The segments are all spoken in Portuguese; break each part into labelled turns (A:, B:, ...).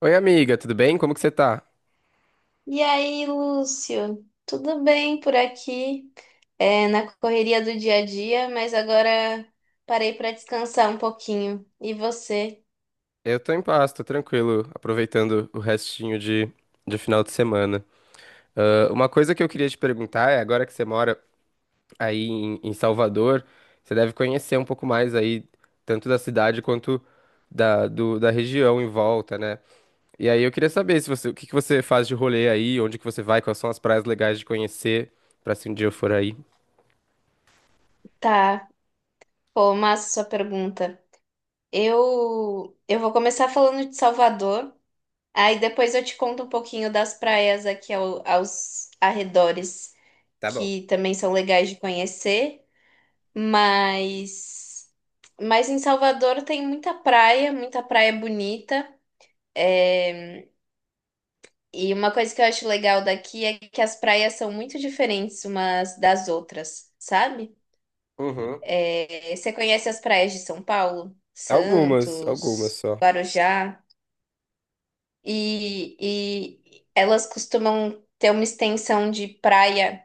A: Oi, amiga, tudo bem? Como que você tá?
B: E aí, Lúcio? Tudo bem por aqui? Na correria do dia a dia, mas agora parei para descansar um pouquinho. E você?
A: Eu tô em paz, tô tranquilo, aproveitando o restinho de final de semana. Ah, uma coisa que eu queria te perguntar é, agora que você mora aí em Salvador, você deve conhecer um pouco mais aí, tanto da cidade quanto da região em volta, né? E aí eu queria saber se você, o que que você faz de rolê aí, onde que você vai, quais são as praias legais de conhecer, pra se um dia eu for aí.
B: Tá. Pô, massa sua pergunta. Eu vou começar falando de Salvador, aí depois eu te conto um pouquinho das praias aqui aos arredores,
A: Tá bom.
B: que também são legais de conhecer, mas mas em Salvador tem muita praia bonita. É, E uma coisa que eu acho legal daqui é que as praias são muito diferentes umas das outras, sabe?
A: Uhum.
B: Você conhece as praias de São Paulo,
A: Algumas, algumas
B: Santos,
A: só.
B: Guarujá, e, e elas costumam ter uma extensão de praia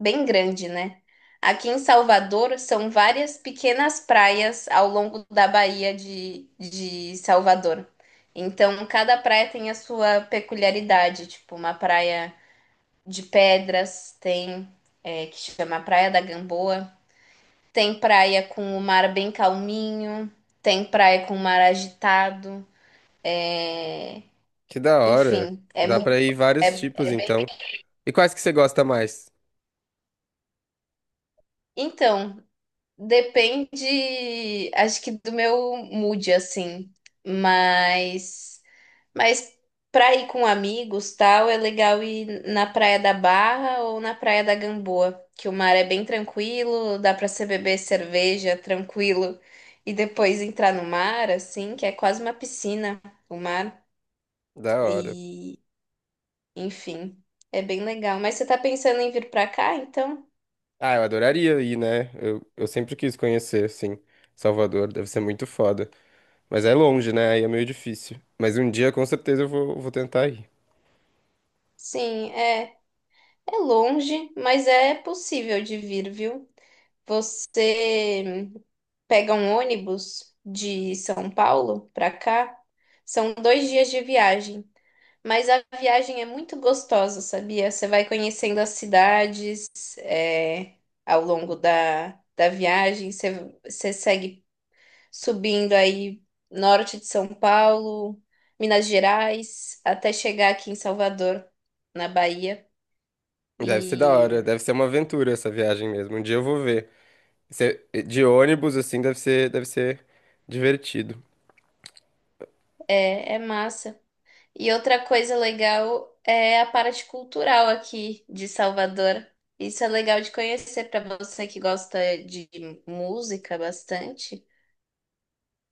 B: bem grande, né? Aqui em Salvador são várias pequenas praias ao longo da Baía de Salvador. Então, cada praia tem a sua peculiaridade, tipo uma praia de pedras, tem que chama Praia da Gamboa, tem praia com o mar bem calminho, tem praia com o mar agitado, é,
A: Que da hora.
B: enfim, é
A: Dá
B: muito,
A: pra ir
B: é,
A: vários tipos,
B: é bem.
A: então. E quais que você gosta mais?
B: Então, depende, acho que do meu mood assim, mas Mas pra ir com amigos, tal, é legal ir na Praia da Barra ou na Praia da Gamboa, que o mar é bem tranquilo, dá pra você beber cerveja tranquilo e depois entrar no mar, assim, que é quase uma piscina, o mar.
A: Da hora.
B: E, enfim, é bem legal. Mas você tá pensando em vir pra cá, então?
A: Ah, eu adoraria ir, né? Eu sempre quis conhecer, assim, Salvador. Deve ser muito foda. Mas é longe, né? Aí é meio difícil. Mas um dia, com certeza, eu vou tentar ir.
B: Sim, é longe, mas é possível de vir, viu? Você pega um ônibus de São Paulo para cá, são dois dias de viagem. Mas a viagem é muito gostosa, sabia? Você vai conhecendo as cidades, ao longo da viagem, você segue subindo aí norte de São Paulo, Minas Gerais, até chegar aqui em Salvador, na Bahia.
A: Deve ser da hora.
B: E
A: Deve ser uma aventura essa viagem mesmo. Um dia eu vou ver. Se- De ônibus, assim, deve ser divertido.
B: é massa. E outra coisa legal é a parte cultural aqui de Salvador. Isso é legal de conhecer para você que gosta de música bastante.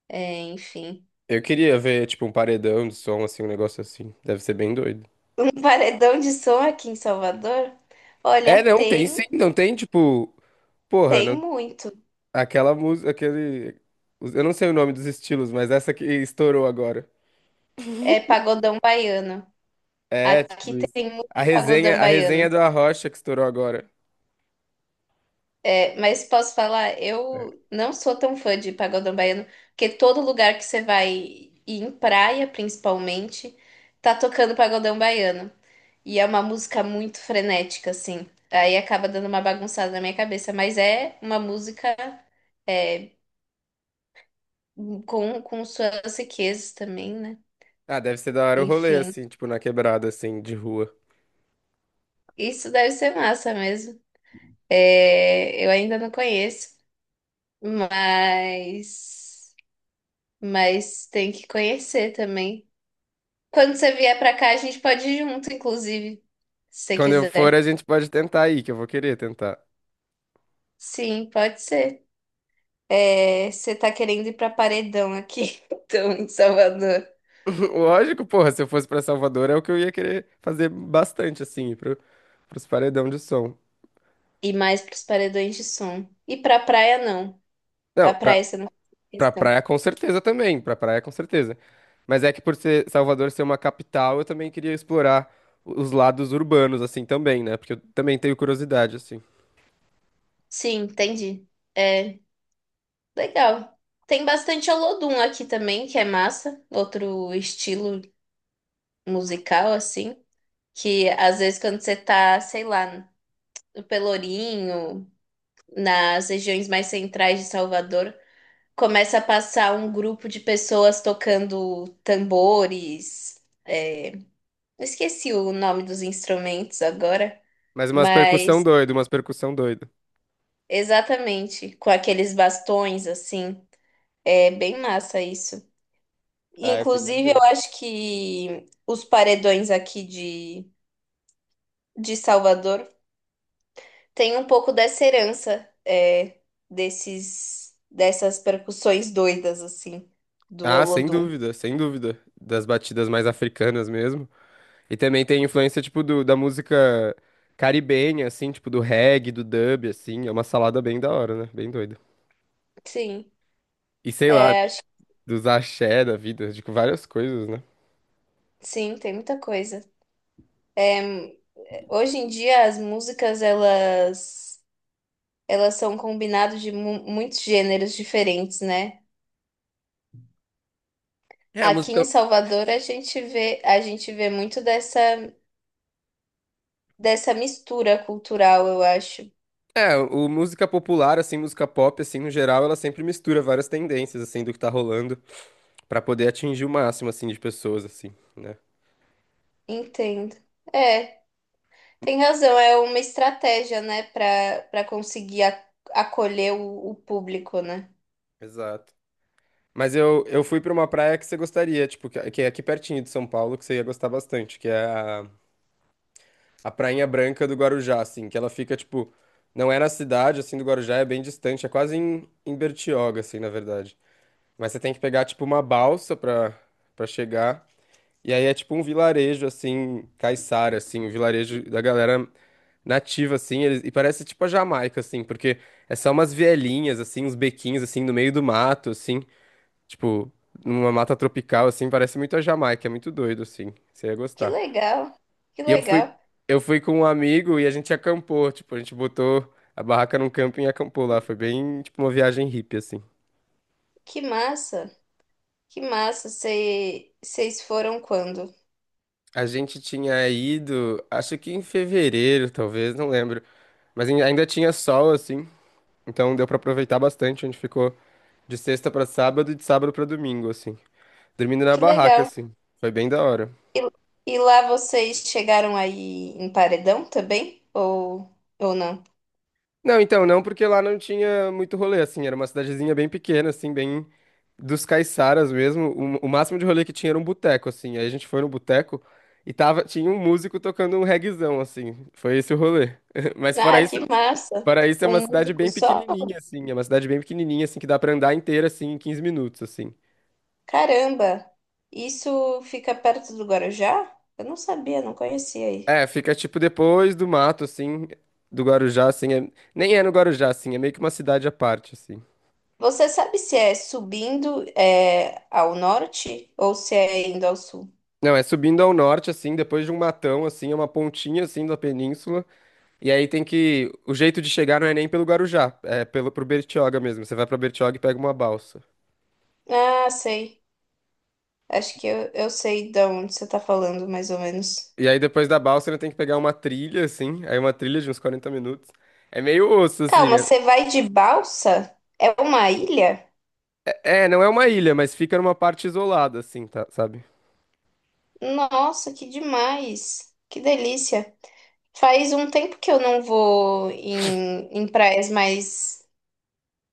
B: É, enfim,
A: Eu queria ver, tipo, um paredão de som, assim, um negócio assim. Deve ser bem doido.
B: um paredão de som aqui em Salvador, olha,
A: É, não, tem sim.
B: tem,
A: Não tem, tipo... Porra,
B: tem
A: não.
B: muito.
A: Aquela música, aquele. Os- Eu não sei o nome dos estilos, mas essa que estourou agora.
B: É pagodão baiano.
A: É, tipo
B: Aqui
A: isso.
B: tem muito
A: A resenha,
B: pagodão
A: a resenha
B: baiano.
A: do Arrocha que estourou agora.
B: Mas posso falar, eu não sou tão fã de pagodão baiano, porque todo lugar que você vai, e em praia principalmente, tá tocando pagodão baiano. E é uma música muito frenética, assim. Aí acaba dando uma bagunçada na minha cabeça, mas é uma música é, com suas riquezas também, né?
A: Ah, deve ser da hora o rolê,
B: Enfim,
A: assim, tipo, na quebrada, assim, de rua.
B: isso deve ser massa mesmo. É, eu ainda não conheço, mas, mas tem que conhecer também. Quando você vier pra cá, a gente pode ir junto, inclusive, se você
A: Quando eu for, a
B: quiser.
A: gente pode tentar ir, que eu vou querer tentar.
B: Sim, pode ser. É, você tá querendo ir pra Paredão aqui, então, em Salvador.
A: Lógico, porra, se eu fosse pra Salvador, é o que eu ia querer fazer bastante, assim, pro, pros paredão de som.
B: E mais pros paredões de som. E pra praia, não. A
A: Não,
B: praia você não faz
A: pra
B: questão.
A: praia, com certeza também. Pra praia, com certeza. Mas é que por ser Salvador ser uma capital, eu também queria explorar os lados urbanos, assim, também, né? Porque eu também tenho curiosidade, assim.
B: Sim, entendi. É, legal. Tem bastante Olodum aqui também, que é massa. Outro estilo musical, assim. Que às vezes quando você tá, sei lá, no Pelourinho, nas regiões mais centrais de Salvador, começa a passar um grupo de pessoas tocando tambores. Eu esqueci o nome dos instrumentos agora,
A: Mas umas percussão
B: mas
A: doida umas percussão doida
B: exatamente com aqueles bastões assim. É bem massa isso.
A: ah, eu queria
B: Inclusive, eu
A: ver.
B: acho que os paredões aqui de Salvador têm um pouco dessa herança, dessas percussões doidas, assim, do
A: Ah, sem
B: Olodum.
A: dúvida, sem dúvida. Das batidas mais africanas mesmo. E também tem influência, tipo, da música caribenha, assim, tipo, do reggae, do dub, assim. É uma salada bem da hora, né? Bem doida.
B: Sim,
A: E sei lá,
B: acho
A: dos axé da vida, tipo, várias coisas, né?
B: que sim, tem muita coisa. Hoje em dia as músicas elas são combinadas de muitos gêneros diferentes, né?
A: É, a
B: Aqui em
A: música.
B: Salvador a gente vê muito dessa mistura cultural, eu acho.
A: É, o música popular, assim, música pop, assim, no geral, ela sempre mistura várias tendências, assim, do que tá rolando, pra poder atingir o máximo, assim, de pessoas, assim, né?
B: Entendo. É, tem razão, é uma estratégia, né, para conseguir acolher o público, né?
A: Exato. Mas eu fui pra uma praia que você gostaria, tipo, que é aqui pertinho de São Paulo, que você ia gostar bastante, que é a Prainha Branca do Guarujá, assim, que ela fica, tipo, não é na cidade, assim, do Guarujá, é bem distante, é quase em Bertioga, assim, na verdade. Mas você tem que pegar, tipo, uma balsa pra chegar. E aí é tipo um vilarejo, assim, caiçara, assim, um vilarejo da galera nativa, assim, eles- e parece tipo a Jamaica, assim, porque é só umas vielinhas, assim, uns bequinhos, assim, no meio do mato, assim, tipo, numa mata tropical, assim, parece muito a Jamaica, é muito doido, assim, você ia
B: Que
A: gostar.
B: legal. Que
A: E eu fui,
B: legal.
A: eu fui com um amigo e a gente acampou, tipo, a gente botou a barraca num camping e acampou lá, foi bem, tipo, uma viagem hippie, assim.
B: Que massa. Que massa. Vocês foram quando?
A: A gente tinha ido, acho que em fevereiro, talvez, não lembro, mas ai- ainda tinha sol, assim, então deu pra aproveitar bastante. A gente ficou de sexta pra sábado e de sábado pra domingo, assim. Dormindo na
B: Que
A: barraca,
B: legal.
A: assim. Foi bem da hora.
B: E, e lá vocês chegaram aí em paredão também? Ou não?
A: Não, então, não porque lá não tinha muito rolê, assim. Era uma cidadezinha bem pequena, assim, bem dos caiçaras mesmo. O máximo de rolê que tinha era um boteco, assim. Aí a gente foi no boteco e tava, tinha um músico tocando um reguezão, assim. Foi esse o rolê. Mas
B: Ah, que massa!
A: fora isso é uma
B: Um
A: cidade
B: músico
A: bem
B: só?
A: pequenininha, assim. É uma cidade bem pequenininha, assim, que dá pra andar inteira, assim, em 15 minutos, assim.
B: Caramba! Isso fica perto do Guarujá? Eu não sabia, não conhecia aí.
A: É, fica tipo depois do mato, assim, do Guarujá, assim. É- Nem é no Guarujá, assim, é meio que uma cidade à parte, assim.
B: Você sabe se é subindo ao norte ou se é indo ao sul?
A: Não, é subindo ao norte, assim, depois de um matão, assim, é uma pontinha, assim, da península. E aí tem que. O jeito de chegar não é nem pelo Guarujá, é pelo, pro Bertioga mesmo. Você vai pra Bertioga e pega uma balsa.
B: Ah, sei. Acho que eu sei de onde você está falando, mais ou menos.
A: E aí depois da balsa ainda tem que pegar uma trilha, assim. Aí uma trilha de uns 40 minutos. É meio osso, assim.
B: Calma, você vai de balsa? É uma ilha?
A: É, é, não é uma ilha, mas fica numa parte isolada, assim, tá, sabe?
B: Nossa, que demais! Que delícia! Faz um tempo que eu não vou em, em praias mais,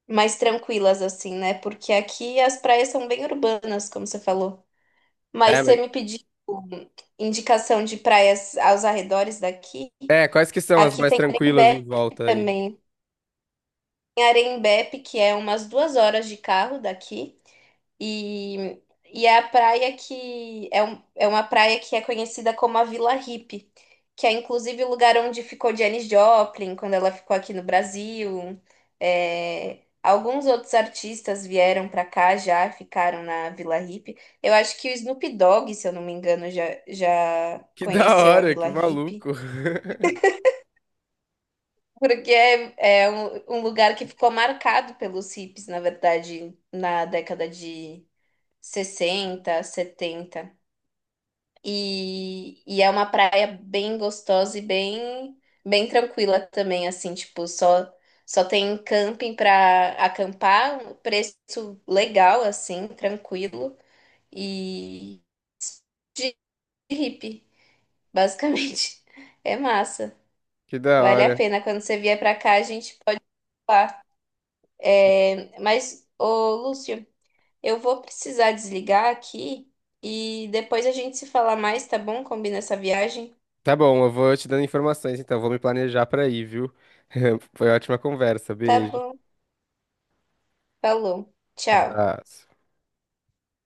B: mais tranquilas, assim, né? Porque aqui as praias são bem urbanas, como você falou. Mas
A: É,
B: você
A: mas.
B: me pediu indicação de praias aos arredores daqui.
A: É, quais que são as
B: Aqui
A: mais
B: tem
A: tranquilas em
B: Arembepe
A: volta aí?
B: também. Tem Arembepe, que é umas 2 horas de carro daqui. E, e é a praia que é, um, é uma praia que é conhecida como a Vila Hippie, que é inclusive o lugar onde ficou Janis Joplin quando ela ficou aqui no Brasil. É, alguns outros artistas vieram para cá já, ficaram na Vila Hippie. Eu acho que o Snoop Dogg, se eu não me engano, já, já
A: Que da
B: conheceu a
A: hora, que
B: Vila Hippie.
A: maluco.
B: Porque é um lugar que ficou marcado pelos hippies, na verdade, na década de 60, 70. E é uma praia bem gostosa e bem, bem tranquila também, assim, tipo, só, só tem camping para acampar, um preço legal, assim, tranquilo e de hippie, basicamente. É massa.
A: Que da
B: Vale a
A: hora.
B: pena. Quando você vier pra cá, a gente pode ir. Mas, ô Lúcio, eu vou precisar desligar aqui e depois a gente se fala mais, tá bom? Combina essa viagem?
A: Tá bom, eu vou te dando informações, então. Vou me planejar pra ir, viu? Foi ótima conversa.
B: Tá
A: Beijo.
B: bom. Falou. Tchau.
A: Abraço.